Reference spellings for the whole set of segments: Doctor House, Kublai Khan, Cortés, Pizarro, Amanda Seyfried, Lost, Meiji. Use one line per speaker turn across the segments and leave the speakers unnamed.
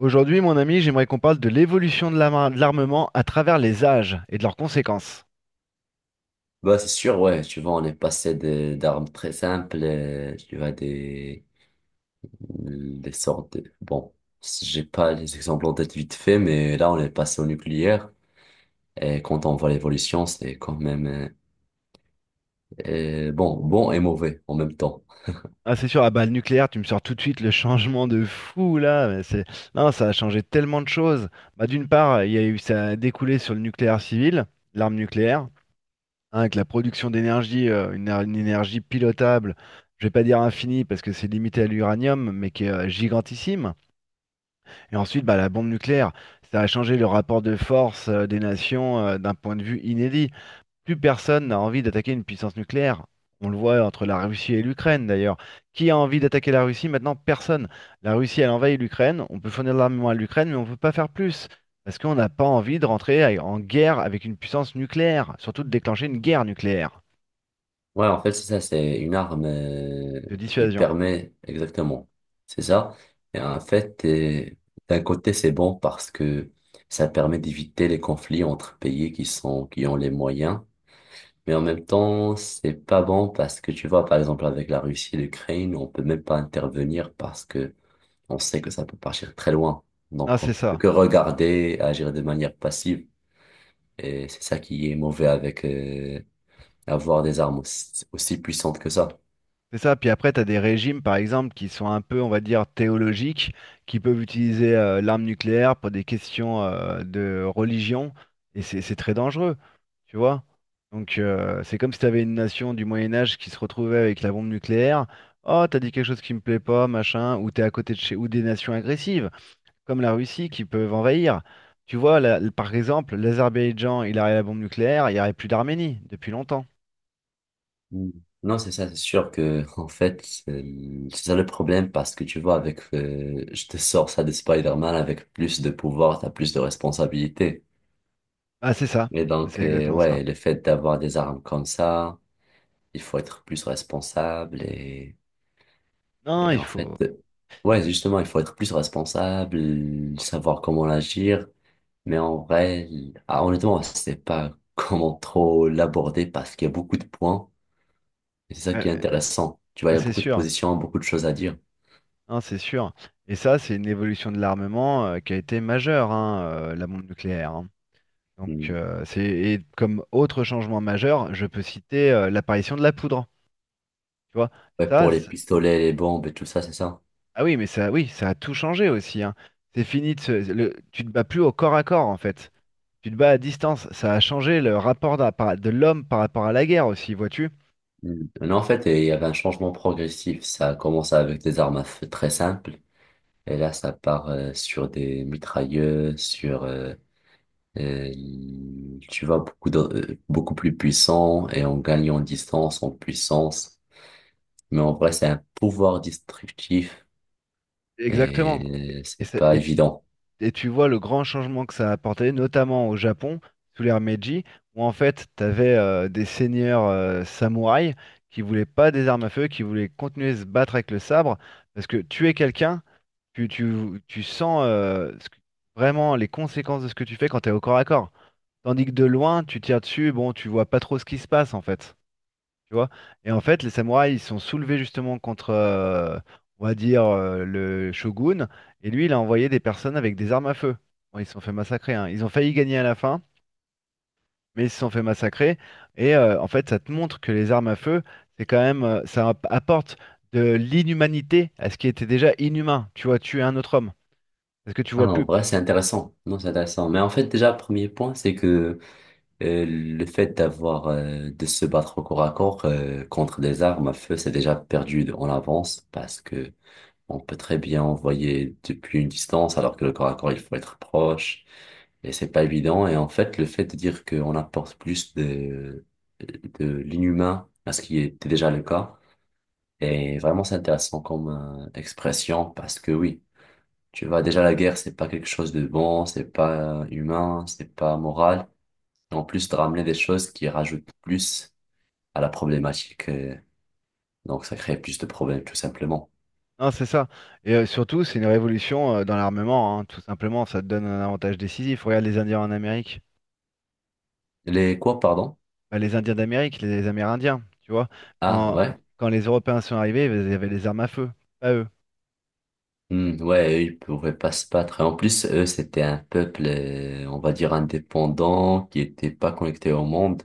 Aujourd'hui, mon ami, j'aimerais qu'on parle de l'évolution de l'armement à travers les âges et de leurs conséquences.
Bah, c'est sûr, ouais, tu vois, on est passé d'armes très simples, tu vois, des sortes de, bon, j'ai pas les exemples en tête vite fait, mais là, on est passé au nucléaire, et quand on voit l'évolution, c'est quand même, bon, bon et mauvais en même temps.
Ah, c'est sûr, ah bah, le nucléaire, tu me sors tout de suite le changement de fou là. Mais Non, ça a changé tellement de choses. Bah, d'une part, il y a eu ça a découlé sur le nucléaire civil, l'arme nucléaire, hein, avec la production d'énergie, une, une énergie pilotable. Je vais pas dire infinie parce que c'est limité à l'uranium, mais qui est gigantissime. Et ensuite, bah, la bombe nucléaire, ça a changé le rapport de force des nations d'un point de vue inédit. Plus personne n'a envie d'attaquer une puissance nucléaire. On le voit entre la Russie et l'Ukraine d'ailleurs. Qui a envie d'attaquer la Russie? Maintenant, personne. La Russie, elle envahit l'Ukraine. On peut fournir de l'armement à l'Ukraine, mais on ne peut pas faire plus. Parce qu'on n'a pas envie de rentrer en guerre avec une puissance nucléaire. Surtout de déclencher une guerre nucléaire
Ouais, en fait, c'est ça, c'est une arme,
de
qui
dissuasion.
permet, exactement, c'est ça. Et en fait, d'un côté, c'est bon parce que ça permet d'éviter les conflits entre pays qui ont les moyens. Mais en même temps, c'est pas bon parce que tu vois, par exemple, avec la Russie et l'Ukraine, on peut même pas intervenir parce que on sait que ça peut partir très loin.
Ah,
Donc, on
c'est
peut
ça.
que regarder, agir de manière passive. Et c'est ça qui est mauvais avec avoir des armes aussi puissantes que ça.
C'est ça, puis après, tu as des régimes, par exemple, qui sont un peu, on va dire, théologiques, qui peuvent utiliser l'arme nucléaire pour des questions de religion, et c'est très dangereux, tu vois. Donc, c'est comme si tu avais une nation du Moyen Âge qui se retrouvait avec la bombe nucléaire. Oh, t'as dit quelque chose qui me plaît pas, machin, ou t'es à côté de chez, ou des nations agressives, comme la Russie, qui peuvent envahir. Tu vois, là, par exemple, l'Azerbaïdjan, il aurait la bombe nucléaire, il n'y aurait plus d'Arménie depuis longtemps.
Mm. Non, c'est ça, c'est sûr que, en fait, c'est ça le problème parce que tu vois, je te sors ça de Spider-Man: avec plus de pouvoir, t'as plus de responsabilités.
Ah, c'est ça,
Et donc,
c'est exactement ça.
ouais, le fait d'avoir des armes comme ça, il faut être plus responsable
Non,
et
il
en fait,
faut.
ouais, justement, il faut être plus responsable, savoir comment agir, mais en vrai, ah, honnêtement, je sais pas comment trop l'aborder parce qu'il y a beaucoup de points et c'est ça
Ouais,
qui est
ouais.
intéressant. Tu vois, il
Bah,
y a
c'est
beaucoup de
sûr,
positions, beaucoup de choses à dire.
hein, c'est sûr. Et ça, c'est une évolution de l'armement qui a été majeure, hein, la bombe nucléaire, hein. Donc,
Hmm.
c'est et comme autre changement majeur, je peux citer l'apparition de la poudre. Tu vois,
Ouais,
ça,
pour les
c'est-
pistolets, les bombes et tout ça, c'est ça.
ah oui, mais ça, oui, ça a tout changé aussi, hein. C'est fini de tu te bats plus au corps à corps en fait. Tu te bats à distance. Ça a changé le rapport de l'homme par rapport à la guerre aussi, vois-tu?
Hmm. Non, en fait, il y avait un changement progressif. Ça a commencé avec des armes à feu très simples. Et là, ça part sur des mitrailleuses, tu vas beaucoup plus puissant et on gagne en distance, en puissance. Mais en vrai, c'est un pouvoir destructif
Exactement. Et,
et
et
c'est
ça-
pas
et
évident.
et tu vois le grand changement que ça a apporté, notamment au Japon, sous l'ère Meiji, où en fait, tu avais des seigneurs samouraïs qui voulaient pas des armes à feu, qui voulaient continuer de se battre avec le sabre, parce que tuer quelqu'un, tu sens vraiment les conséquences de ce que tu fais quand tu es au corps à corps. Tandis que de loin, tu tires dessus, bon, tu vois pas trop ce qui se passe en fait, tu vois. Et en fait, les samouraïs, ils se sont soulevés justement contre, on va dire, le shogun. Et lui, il a envoyé des personnes avec des armes à feu. Bon, ils se sont fait massacrer, hein. Ils ont failli gagner à la fin, mais ils se sont fait massacrer. Et en fait, ça te montre que les armes à feu, c'est quand même, apporte de l'inhumanité à ce qui était déjà inhumain. Tu vois, tuer un autre homme. Parce que tu vois
Ah, en
plus.
vrai, c'est intéressant. Non, c'est intéressant. Mais en fait, déjà, premier point, c'est que le fait de se battre au corps à corps contre des armes à feu, c'est déjà perdu en avance parce que on peut très bien envoyer depuis une distance, alors que le corps à corps, il faut être proche. Et c'est pas évident. Et en fait, le fait de dire qu'on apporte de l'inhumain à ce qui était déjà le cas, est vraiment c'est intéressant comme expression parce que oui, tu vois, déjà la guerre, c'est pas quelque chose de bon, c'est pas humain, c'est pas moral. En plus de ramener des choses qui rajoutent plus à la problématique, donc ça crée plus de problèmes tout simplement.
Non, c'est ça. Et surtout, c'est une révolution dans l'armement, hein, tout simplement. Ça te donne un avantage décisif. Regarde les Indiens en Amérique.
Les quoi, pardon?
Bah, les Indiens d'Amérique, les Amérindiens, tu vois.
Ah,
Quand,
ouais.
quand les Européens sont arrivés, ils avaient les armes à feu, pas eux.
Hmm, ouais, eux, ils pouvaient pas se battre. Et en plus, eux, c'était un peuple, on va dire, indépendant, qui était pas connecté au monde.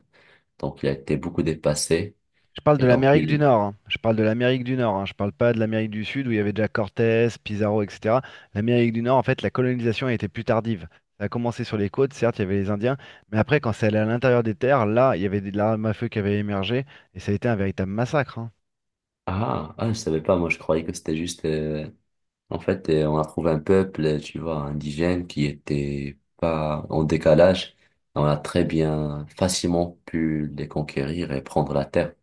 Donc, il a été beaucoup dépassé.
Je parle de
Et donc,
l'Amérique du
il...
Nord, hein. Je parle de l'Amérique du Nord, hein. Je parle pas de l'Amérique du Sud où il y avait déjà Cortés, Pizarro, etc. L'Amérique du Nord, en fait, la colonisation a été plus tardive. Ça a commencé sur les côtes, certes, il y avait les Indiens, mais après, quand c'est allé à l'intérieur des terres, là, il y avait de l'arme à feu qui avait émergé et ça a été un véritable massacre, hein.
Ah, ah, je savais pas, moi, je croyais que c'était juste... En fait, on a trouvé un peuple, tu vois, indigène, qui était pas en décalage. On a très bien, facilement pu les conquérir et prendre la terre.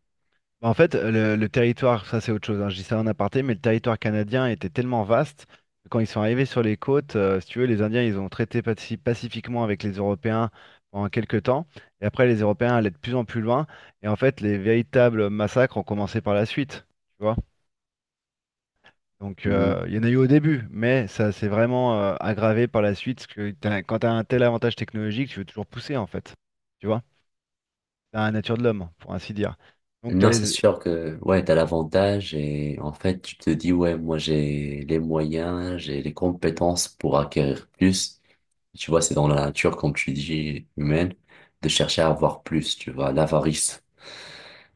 Bah, en fait, le territoire, ça c'est autre chose, hein, je dis ça en aparté, mais le territoire canadien était tellement vaste que quand ils sont arrivés sur les côtes, si tu veux, les Indiens, ils ont traité pacifiquement avec les Européens pendant quelques temps, et après les Européens allaient de plus en plus loin, et en fait, les véritables massacres ont commencé par la suite, tu vois. Donc, il y en a eu au début, mais ça s'est vraiment aggravé par la suite, parce que quand tu as un tel avantage technologique, tu veux toujours pousser, en fait, tu vois. C'est la nature de l'homme, pour ainsi dire. Donc, tu as
Non, c'est
les...
sûr que ouais, t'as l'avantage et en fait, tu te dis ouais, moi j'ai les moyens, j'ai les compétences pour acquérir plus. Tu vois, c'est dans la nature, comme tu dis, humaine, de chercher à avoir plus, tu vois, l'avarice.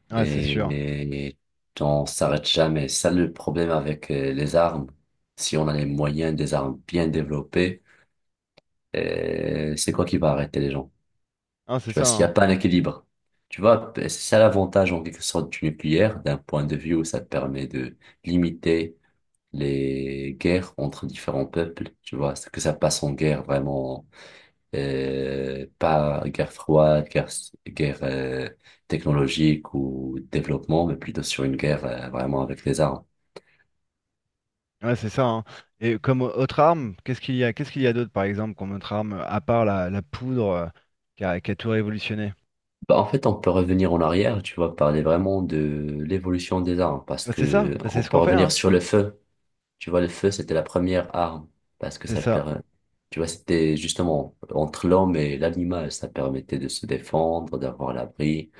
Ah, c'est sûr.
Et on s'arrête jamais. C'est ça, le problème avec les armes. Si on a les moyens, des armes bien développées, c'est quoi qui va arrêter les gens?
Ah, c'est
Tu vois,
ça,
s'il n'y
hein.
a pas un équilibre. Tu vois, c'est ça l'avantage en quelque sorte du nucléaire, d'un point de vue où ça te permet de limiter les guerres entre différents peuples. Tu vois, c'est que ça passe en guerre vraiment, pas guerre froide, guerre, guerre technologique ou développement, mais plutôt sur une guerre vraiment avec les armes.
Ouais, c'est ça, hein. Et comme autre arme, qu'est-ce qu'il y a, qu'est-ce qu'il y a d'autre, par exemple, comme autre arme, à part la poudre qui a tout révolutionné?
Bah, en fait, on peut revenir en arrière, tu vois, parler vraiment de l'évolution des armes, parce
Bah, c'est ça,
que
bah, c'est
on
ce
peut
qu'on fait,
revenir
hein.
sur le feu. Tu vois, le feu, c'était la première arme parce que
C'est
ça
ça.
permet, tu vois, c'était justement entre l'homme et l'animal, ça permettait de se défendre, d'avoir l'abri.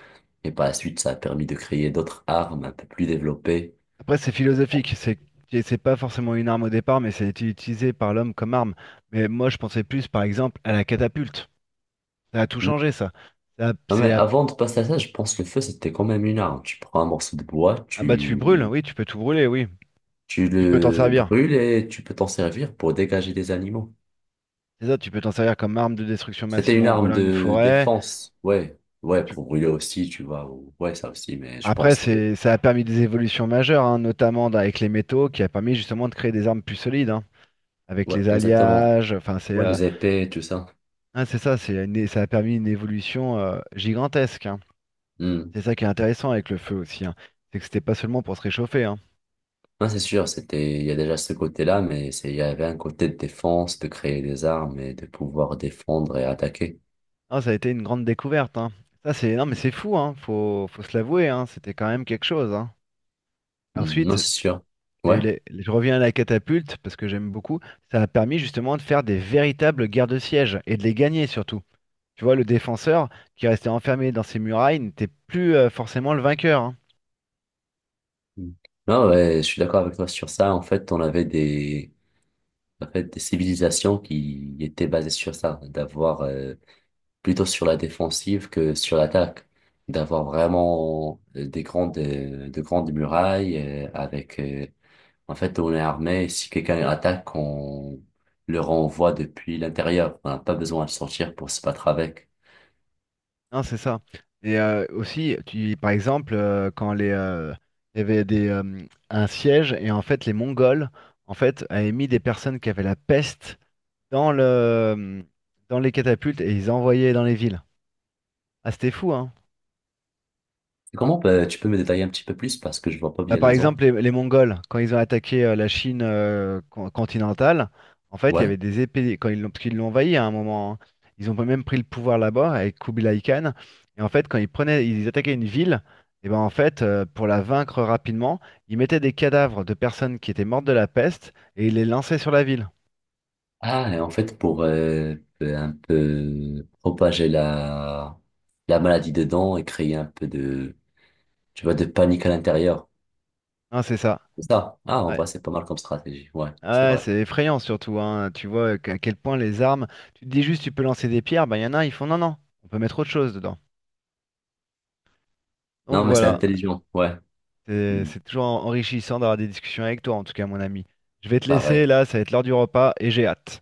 Et par la suite, ça a permis de créer d'autres armes un peu plus développées.
Après, c'est
Tu vois.
philosophique, c'est et c'est pas forcément une arme au départ, mais c'est a été utilisé par l'homme comme arme. Mais moi, je pensais plus, par exemple, à la catapulte. Ça a tout
Hmm.
changé, ça. Ça,
Non, mais
c'est à-
avant de passer à ça, je pense que le feu, c'était quand même une arme. Tu prends un morceau de bois,
ah bah tu brûles, oui, tu peux tout brûler, oui.
tu
Tu peux t'en
le
servir.
brûles et tu peux t'en servir pour dégager des animaux.
C'est ça, tu peux t'en servir comme arme de destruction
C'était
massive
une
en
arme
brûlant une
de
forêt.
défense, ouais. Ouais, pour brûler aussi, tu vois. Ouais, ça aussi, mais je
Après,
pense que...
c'est, ça a permis des évolutions majeures, hein, notamment avec les métaux, qui a permis justement de créer des armes plus solides, hein, avec
Ouais,
les
exactement.
alliages. Enfin, c'est
Ouais, les épées, tout ça.
hein, c'est ça, ça a permis une évolution gigantesque, hein.
Hmm.
C'est ça qui est intéressant avec le feu aussi, hein. C'est que c'était pas seulement pour se réchauffer, hein.
Non, c'est sûr, c'était, il y a déjà ce côté-là, mais c'est, il y avait un côté de défense, de créer des armes et de pouvoir défendre et attaquer.
Non, ça a été une grande découverte, hein. Ça, c'est, non, mais c'est fou, hein, faut se l'avouer, hein, c'était quand même quelque chose, hein.
Hmm. Non,
Ensuite,
c'est sûr. Ouais.
je reviens à la catapulte, parce que j'aime beaucoup. Ça a permis justement de faire des véritables guerres de siège et de les gagner surtout. Tu vois, le défenseur qui restait enfermé dans ses murailles n'était plus forcément le vainqueur. Hein,
Hmm. Non, ouais, je suis d'accord avec toi sur ça. En fait, on avait des, en fait, des civilisations qui étaient basées sur ça, d'avoir, plutôt sur la défensive que sur l'attaque, d'avoir vraiment des grandes, de grandes murailles, euh, avec, euh, en fait, on est armé et si quelqu'un attaque, on le renvoie depuis l'intérieur. On n'a pas besoin de sortir pour se battre avec.
hein, c'est ça. Et aussi, tu, par exemple, quand les, il y avait des, un siège et en fait les Mongols en fait avaient mis des personnes qui avaient la peste dans le, dans les catapultes et ils envoyaient dans les villes. Ah, c'était fou, hein.
Comment, tu peux me détailler un petit peu plus parce que je vois pas
Bah,
bien
par
l'exemple?
exemple, les Mongols, quand ils ont attaqué la Chine continentale, en fait, il y avait
Ouais.
des épées, quand ils l'ont, parce qu'ils l'ont envahi à un moment, hein. Ils ont même pris le pouvoir là-bas avec Kublai Khan. Et en fait, quand ils prenaient, ils attaquaient une ville, et ben en fait, pour la vaincre rapidement, ils mettaient des cadavres de personnes qui étaient mortes de la peste et ils les lançaient sur la ville.
Ah, et en fait, pour un peu propager la maladie dedans et créer un peu de, tu vois, de panique à l'intérieur.
Hein, c'est ça.
C'est ça. Ah, en
Ouais.
vrai, c'est pas mal comme stratégie. Ouais, c'est
Ouais,
vrai.
c'est effrayant surtout, hein. Tu vois à quel point les armes, tu te dis juste tu peux lancer des pierres, ben il y en a, ils font non, non, on peut mettre autre chose dedans. Donc
Non, mais c'est
voilà.
intelligent. Ouais.
C'est
Hmm,
c'est toujours enrichissant d'avoir des discussions avec toi, en tout cas, mon ami. Je vais te laisser
pareil.
là, ça va être l'heure du repas et j'ai hâte.